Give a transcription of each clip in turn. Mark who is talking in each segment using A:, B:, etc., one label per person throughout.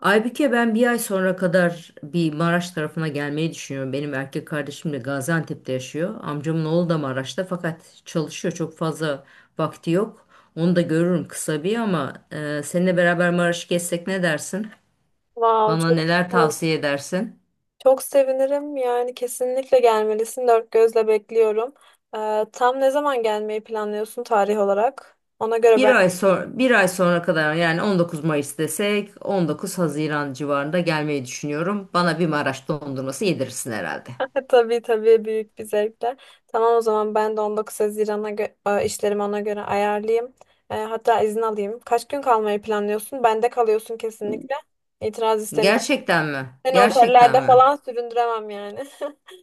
A: Aybüke ben bir ay sonra kadar bir Maraş tarafına gelmeyi düşünüyorum. Benim erkek kardeşim de Gaziantep'te yaşıyor. Amcamın oğlu da Maraş'ta fakat çalışıyor. Çok fazla vakti yok. Onu da görürüm kısa bir ama seninle beraber Maraş'ı gezsek ne dersin?
B: Wow,
A: Bana
B: çok
A: neler tavsiye edersin?
B: çok sevinirim. Yani kesinlikle gelmelisin. Dört gözle bekliyorum. Tam ne zaman gelmeyi planlıyorsun tarih olarak? Ona göre
A: Bir
B: ben
A: ay sonra bir ay sonra kadar yani 19 Mayıs desek 19 Haziran civarında gelmeyi düşünüyorum. Bana bir Maraş dondurması yedirirsin herhalde.
B: tabii tabii büyük bir zevkle. Tamam, o zaman ben de 19 Haziran'a işlerimi ona göre ayarlayayım. Hatta izin alayım. Kaç gün kalmayı planlıyorsun? Bende kalıyorsun kesinlikle. İtiraz istemiyorum.
A: Gerçekten mi?
B: Seni
A: Gerçekten
B: otellerde
A: mi?
B: falan süründüremem yani.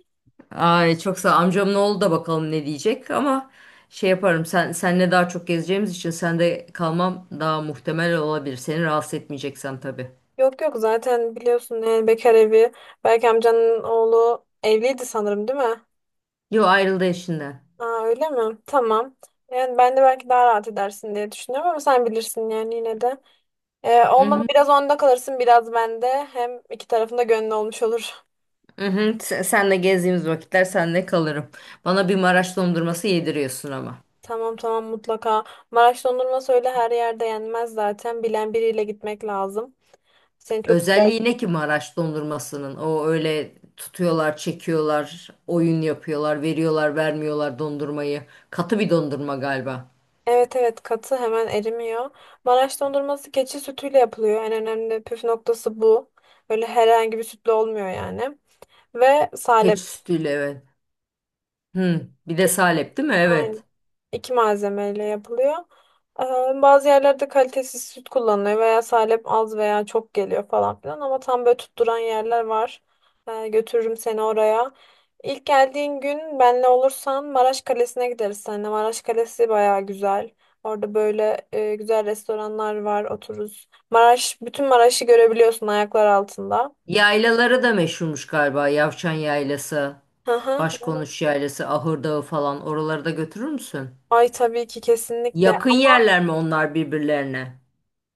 A: Ay çok sağ amcamın oğlu da bakalım ne diyecek ama şey yaparım senle daha çok gezeceğimiz için sende kalmam daha muhtemel olabilir. Seni rahatsız etmeyeceksem tabii.
B: Yok yok, zaten biliyorsun yani bekar evi. Belki amcanın oğlu evliydi sanırım, değil mi?
A: Yo, ayrıldı eşinden.
B: Aa, öyle mi? Tamam. Yani ben de belki daha rahat edersin diye düşünüyorum ama sen bilirsin yani yine de.
A: Hı
B: Olmadı
A: hı.
B: biraz onda kalırsın biraz bende. Hem iki tarafında gönlü olmuş olur.
A: Hı hı. Senle gezdiğimiz vakitler senle kalırım. Bana bir Maraş dondurması yediriyorsun ama.
B: Tamam tamam, mutlaka. Maraş dondurması öyle her yerde yenmez zaten. Bilen biriyle gitmek lazım. Seni çok güzel.
A: Özelliği ne ki Maraş dondurmasının? O öyle tutuyorlar, çekiyorlar, oyun yapıyorlar, veriyorlar, vermiyorlar dondurmayı. Katı bir dondurma galiba.
B: Evet evet, katı hemen erimiyor. Maraş dondurması keçi sütüyle yapılıyor. En önemli püf noktası bu. Öyle herhangi bir sütle olmuyor yani. Ve salep.
A: Keçi sütüyle evet. Hı, bir de salep değil mi?
B: Aynen.
A: Evet.
B: İki malzemeyle yapılıyor. Bazı yerlerde kalitesiz süt kullanılıyor veya salep az veya çok geliyor falan filan ama tam böyle tutturan yerler var. Götürürüm seni oraya. İlk geldiğin gün benle olursan Maraş Kalesi'ne gideriz seninle. Maraş Kalesi baya güzel. Orada böyle güzel restoranlar var, otururuz. Maraş, bütün Maraş'ı görebiliyorsun ayaklar altında.
A: Yaylaları da meşhurmuş galiba. Yavşan Yaylası,
B: Hı hı.
A: Başkonuş Yaylası, Ahır Dağı falan. Oraları da götürür müsün?
B: Ay tabii ki, kesinlikle.
A: Yakın yerler mi onlar birbirlerine?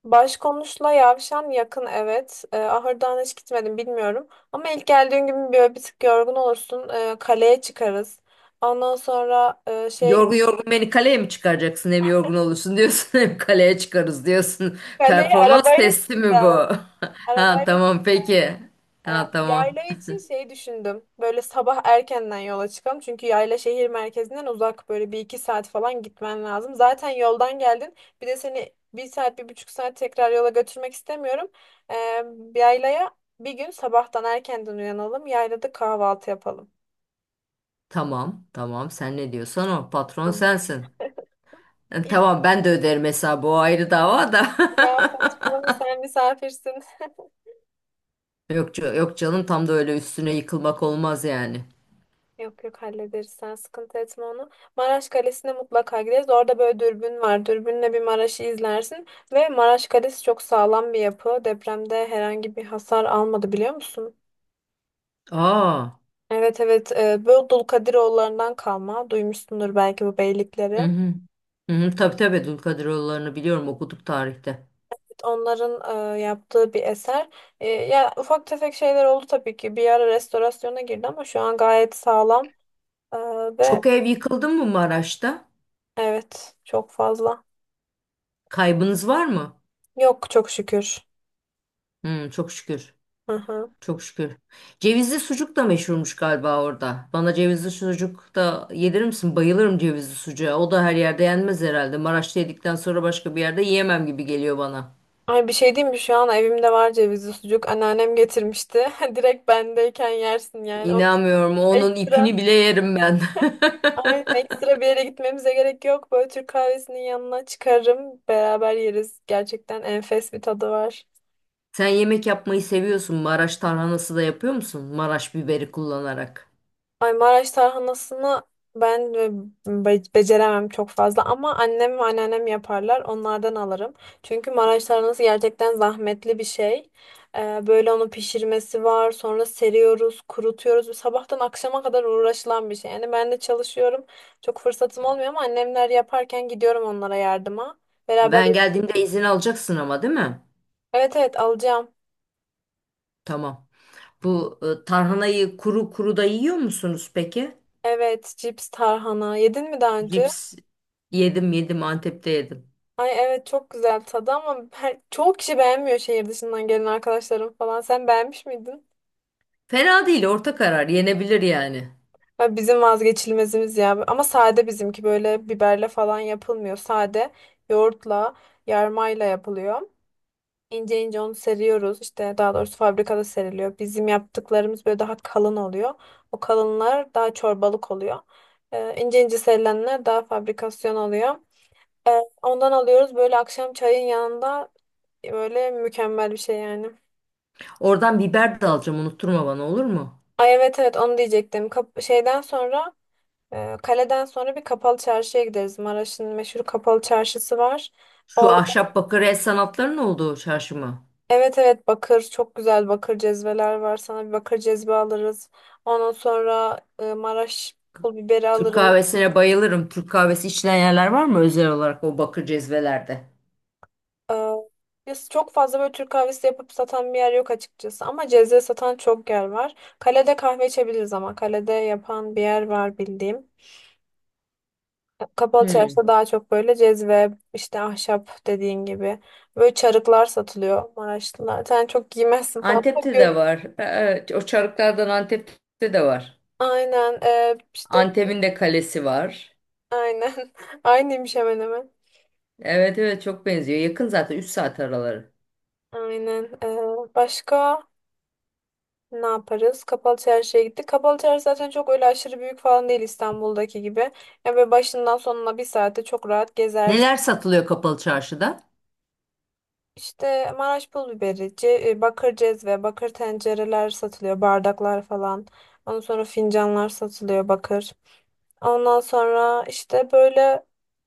B: Başkonuşla Yavşan yakın, evet. Ahırdan hiç gitmedim, bilmiyorum. Ama ilk geldiğin gün böyle bir tık yorgun olursun. Kaleye çıkarız. Ondan sonra şeye
A: Yorgun
B: gidip
A: yorgun beni kaleye mi çıkaracaksın? Hem yorgun olursun diyorsun hem kaleye çıkarız diyorsun.
B: kaleye
A: Performans
B: arabayla
A: testi mi bu?
B: çıkacağız.
A: Ha,
B: Arabayla
A: tamam
B: çıkacağız.
A: peki.
B: E,
A: Ha, tamam.
B: Yayla için şey düşündüm. Böyle sabah erkenden yola çıkalım. Çünkü yayla şehir merkezinden uzak. Böyle bir iki saat falan gitmen lazım. Zaten yoldan geldin. Bir de seni bir saat, bir buçuk saat tekrar yola götürmek istemiyorum. E, Yaylaya bir gün sabahtan erkenden uyanalım. Yaylada kahvaltı yapalım.
A: Tamam tamam, sen ne diyorsan, o patron
B: Tamam.
A: sensin.
B: İlk
A: Tamam, ben de öderim hesabı, o ayrı dava da.
B: Ya saçmalama, sen misafirsin.
A: Yok, yok canım, tam da öyle üstüne yıkılmak olmaz yani.
B: Yok yok, hallederiz, sen sıkıntı etme onu. Maraş Kalesi'ne mutlaka gideriz. Orada böyle dürbün var. Dürbünle bir Maraş'ı izlersin. Ve Maraş Kalesi çok sağlam bir yapı. Depremde herhangi bir hasar almadı, biliyor musun?
A: Aa.
B: Evet evet, böyle Dulkadiroğullarından kalma. Duymuşsundur belki bu
A: Hı
B: beylikleri.
A: hı. Hı hı, tabii tabii, Dulkadiroğulları'nı biliyorum, okuduk tarihte.
B: Onların yaptığı bir eser. Ya ufak tefek şeyler oldu tabii ki. Bir ara restorasyona girdi ama şu an gayet sağlam. E, ve
A: Çok ev yıkıldı mı Maraş'ta?
B: Evet, çok fazla.
A: Kaybınız var mı?
B: Yok, çok şükür.
A: Hı, çok şükür.
B: Hı hı.
A: Çok şükür. Cevizli sucuk da meşhurmuş galiba orada. Bana cevizli sucuk da yedirir misin? Bayılırım cevizli sucuğa. O da her yerde yenmez herhalde. Maraş'ta yedikten sonra başka bir yerde yiyemem gibi geliyor bana.
B: Ay, bir şey diyeyim mi? Şu an evimde var cevizli sucuk. Anneannem getirmişti. Direkt bendeyken yersin yani. Onu
A: İnanmıyorum. Onun
B: ekstra,
A: ipini bile yerim ben.
B: aynen ekstra bir yere gitmemize gerek yok. Böyle Türk kahvesinin yanına çıkarım. Beraber yeriz. Gerçekten enfes bir tadı var.
A: Sen yemek yapmayı seviyorsun. Maraş tarhanası da yapıyor musun? Maraş biberi kullanarak.
B: Ay, Maraş tarhanasını ben beceremem çok fazla ama annem ve anneannem yaparlar. Onlardan alırım. Çünkü Maraş tarhanası gerçekten zahmetli bir şey. Böyle onu pişirmesi var. Sonra seriyoruz, kurutuyoruz. Sabahtan akşama kadar uğraşılan bir şey. Yani ben de çalışıyorum. Çok fırsatım olmuyor ama annemler yaparken gidiyorum onlara yardıma. Beraber.
A: Ben geldiğimde izin alacaksın ama değil mi?
B: Evet evet, alacağım.
A: Tamam. Bu tarhanayı kuru kuru da yiyor musunuz peki?
B: Evet, cips tarhana. Yedin mi daha önce?
A: Cips yedim, yedim Antep'te yedim.
B: Ay evet, çok güzel tadı ama her, çoğu kişi beğenmiyor, şehir dışından gelen arkadaşlarım falan. Sen beğenmiş miydin?
A: Fena değil, orta karar yenebilir yani.
B: Ya bizim vazgeçilmezimiz ya. Ama sade bizimki böyle biberle falan yapılmıyor. Sade yoğurtla, yarmayla yapılıyor. İnce ince onu seriyoruz. İşte daha doğrusu fabrikada seriliyor. Bizim yaptıklarımız böyle daha kalın oluyor. O kalınlar daha çorbalık oluyor. İnce ince serilenler daha fabrikasyon oluyor. Ondan alıyoruz, böyle akşam çayın yanında böyle mükemmel bir şey yani.
A: Oradan biber de alacağım, unutturma bana, olur mu?
B: Ay evet evet, onu diyecektim. Kaleden sonra bir kapalı çarşıya gideriz. Maraş'ın meşhur kapalı çarşısı var.
A: Şu
B: Or
A: ahşap bakır el sanatlarının olduğu çarşı mı?
B: evet evet, bakır, çok güzel bakır cezveler var. Sana bir bakır cezve alırız. Ondan sonra Maraş pul biberi
A: Türk
B: alırız.
A: kahvesine bayılırım. Türk kahvesi içilen yerler var mı özel olarak o bakır cezvelerde?
B: E, Biz çok fazla böyle Türk kahvesi yapıp satan bir yer yok açıkçası. Ama cezve satan çok yer var. Kalede kahve içebiliriz ama kalede yapan bir yer var bildiğim. Kapalı çarşıda
A: Hmm.
B: daha çok böyle cezve, işte ahşap dediğin gibi. Böyle çarıklar satılıyor Maraşlılar. Sen çok giymezsin falan. Ama
A: Antep'te
B: gör.
A: de var. Evet, o çarıklardan Antep'te de var.
B: Aynen.
A: Antep'in de kalesi var.
B: Aynen. Aynıymış hemen hemen.
A: Evet evet, çok benziyor. Yakın zaten, 3 saat araları.
B: Aynen. Başka ne yaparız? Kapalı çarşıya gittik. Kapalı çarşı zaten çok öyle aşırı büyük falan değil, İstanbul'daki gibi. Ya böyle başından sonuna bir saate çok rahat gezer.
A: Neler satılıyor kapalı çarşıda?
B: İşte Maraş pul biberi, bakır cezve, bakır tencereler satılıyor, bardaklar falan. Ondan sonra fincanlar satılıyor bakır. Ondan sonra işte böyle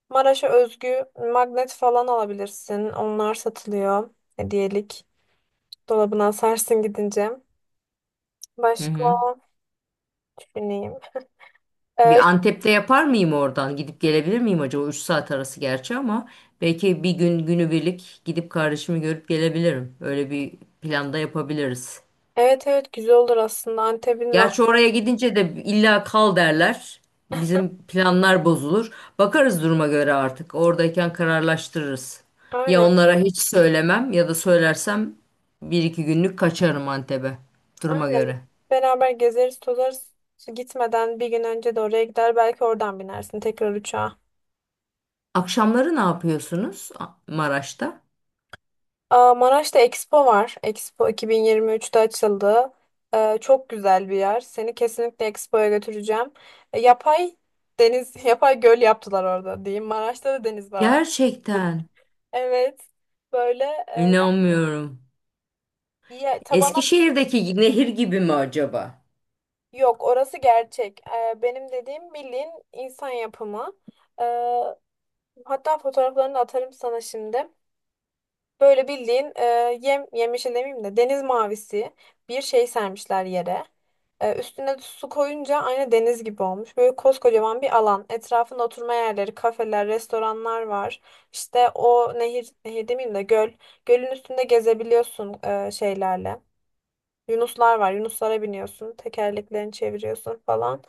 B: Maraş'a özgü magnet falan alabilirsin. Onlar satılıyor, hediyelik. Dolabına asarsın gidince.
A: Hı
B: Başka
A: hı.
B: düşüneyim.
A: Bir
B: Ee,
A: Antep'te yapar mıyım oradan? Gidip gelebilir miyim acaba? Üç saat arası gerçi ama belki bir gün günübirlik gidip kardeşimi görüp gelebilirim. Öyle bir planda yapabiliriz.
B: evet evet, güzel olur aslında. Antep'in lah.
A: Gerçi oraya gidince de illa kal derler. Bizim planlar bozulur. Bakarız duruma göre artık. Oradayken kararlaştırırız. Ya
B: Aynen
A: onlara hiç söylemem ya da söylersem bir iki günlük kaçarım Antep'e. Duruma
B: aynen.
A: göre.
B: Beraber gezeriz tozarız. Gitmeden bir gün önce de oraya gider, belki oradan binersin tekrar uçağa.
A: Akşamları ne yapıyorsunuz Maraş'ta?
B: Aa, Maraş'ta Expo var. Expo 2023'te açıldı. Çok güzel bir yer. Seni kesinlikle Expo'ya götüreceğim. Yapay deniz, yapay göl yaptılar orada diyeyim. Maraş'ta da deniz var.
A: Gerçekten
B: Evet. Böyle
A: inanmıyorum.
B: tabana
A: Eskişehir'deki nehir gibi mi acaba?
B: yok. Orası gerçek. Benim dediğim bildiğin insan yapımı. Ee, Hatta fotoğraflarını da atarım sana şimdi. Böyle bildiğin yem yemyeşil demeyeyim de deniz mavisi bir şey sermişler yere. Üstüne de su koyunca aynı deniz gibi olmuş. Böyle koskocaman bir alan. Etrafında oturma yerleri, kafeler, restoranlar var. İşte o nehir, nehir demeyeyim de göl. Gölün üstünde gezebiliyorsun şeylerle. Yunuslar var. Yunuslara biniyorsun. Tekerleklerini çeviriyorsun falan.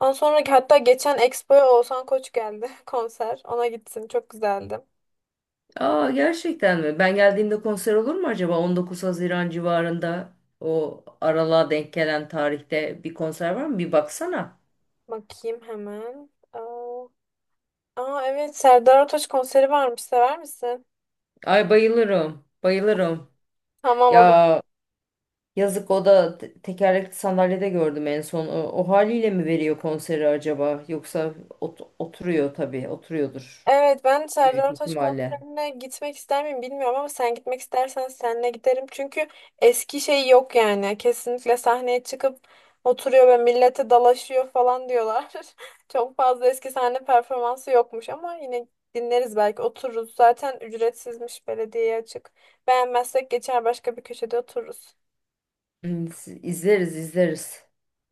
B: Ondan sonra hatta geçen Expo'ya Oğuzhan Koç geldi konser. Ona gitsin. Çok güzeldi.
A: Aa, gerçekten mi? Ben geldiğimde konser olur mu acaba? 19 Haziran civarında o aralığa denk gelen tarihte bir konser var mı? Bir baksana.
B: Bakayım hemen. Aa evet, Serdar Ortaç konseri varmış. Sever misin?
A: Ay, bayılırım. Bayılırım.
B: Tamam, o zaman.
A: Ya yazık, o da tekerlekli sandalyede gördüm en son. O haliyle mi veriyor konseri acaba? Yoksa oturuyor tabii. Oturuyordur
B: Evet, ben
A: büyük
B: Serdar Ortaç
A: ihtimalle.
B: konserine gitmek ister miyim bilmiyorum ama sen gitmek istersen seninle giderim. Çünkü eski şey yok yani. Kesinlikle sahneye çıkıp oturuyor ve millete dalaşıyor falan diyorlar. Çok fazla eski sahne performansı yokmuş ama yine dinleriz, belki otururuz. Zaten ücretsizmiş, belediyeye açık. Beğenmezsek geçer, başka bir köşede otururuz.
A: Hmm, İzleriz izleriz.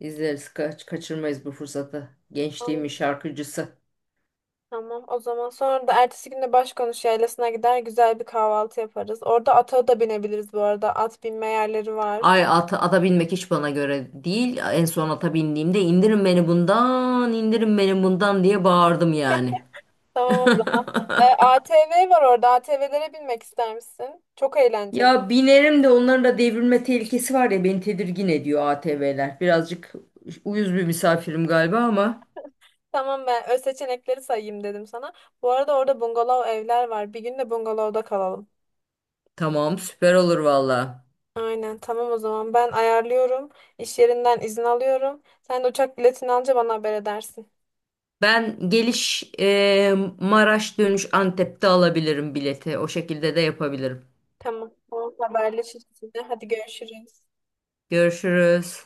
A: İzleriz. Kaçırmayız bu fırsatı.
B: Tamam.
A: Gençliğimin şarkıcısı.
B: Tamam, o zaman sonra da ertesi gün de Başkonuş Yaylası'na gider, güzel bir kahvaltı yaparız. Orada ata da binebiliriz bu arada. At binme yerleri var.
A: Ay, ata, ata binmek hiç bana göre değil. En son ata bindiğimde "indirin beni bundan, indirin beni bundan" diye bağırdım yani.
B: Tamam, o zaman. ATV var orada. ATV'lere binmek ister misin? Çok eğlenceli.
A: Ya binerim de, onların da devrilme tehlikesi var ya, beni tedirgin ediyor ATV'ler. Birazcık uyuz bir misafirim galiba ama
B: Tamam, ben öz seçenekleri sayayım dedim sana. Bu arada orada bungalov evler var. Bir gün de bungalovda kalalım.
A: tamam, süper olur valla.
B: Aynen, tamam o zaman ben ayarlıyorum. İş yerinden izin alıyorum. Sen de uçak biletini alınca bana haber edersin.
A: Ben geliş Maraş, dönüş Antep'te alabilirim bileti. O şekilde de yapabilirim.
B: Tamam. Tamam, haberleşiriz yine. Hadi görüşürüz.
A: Görüşürüz.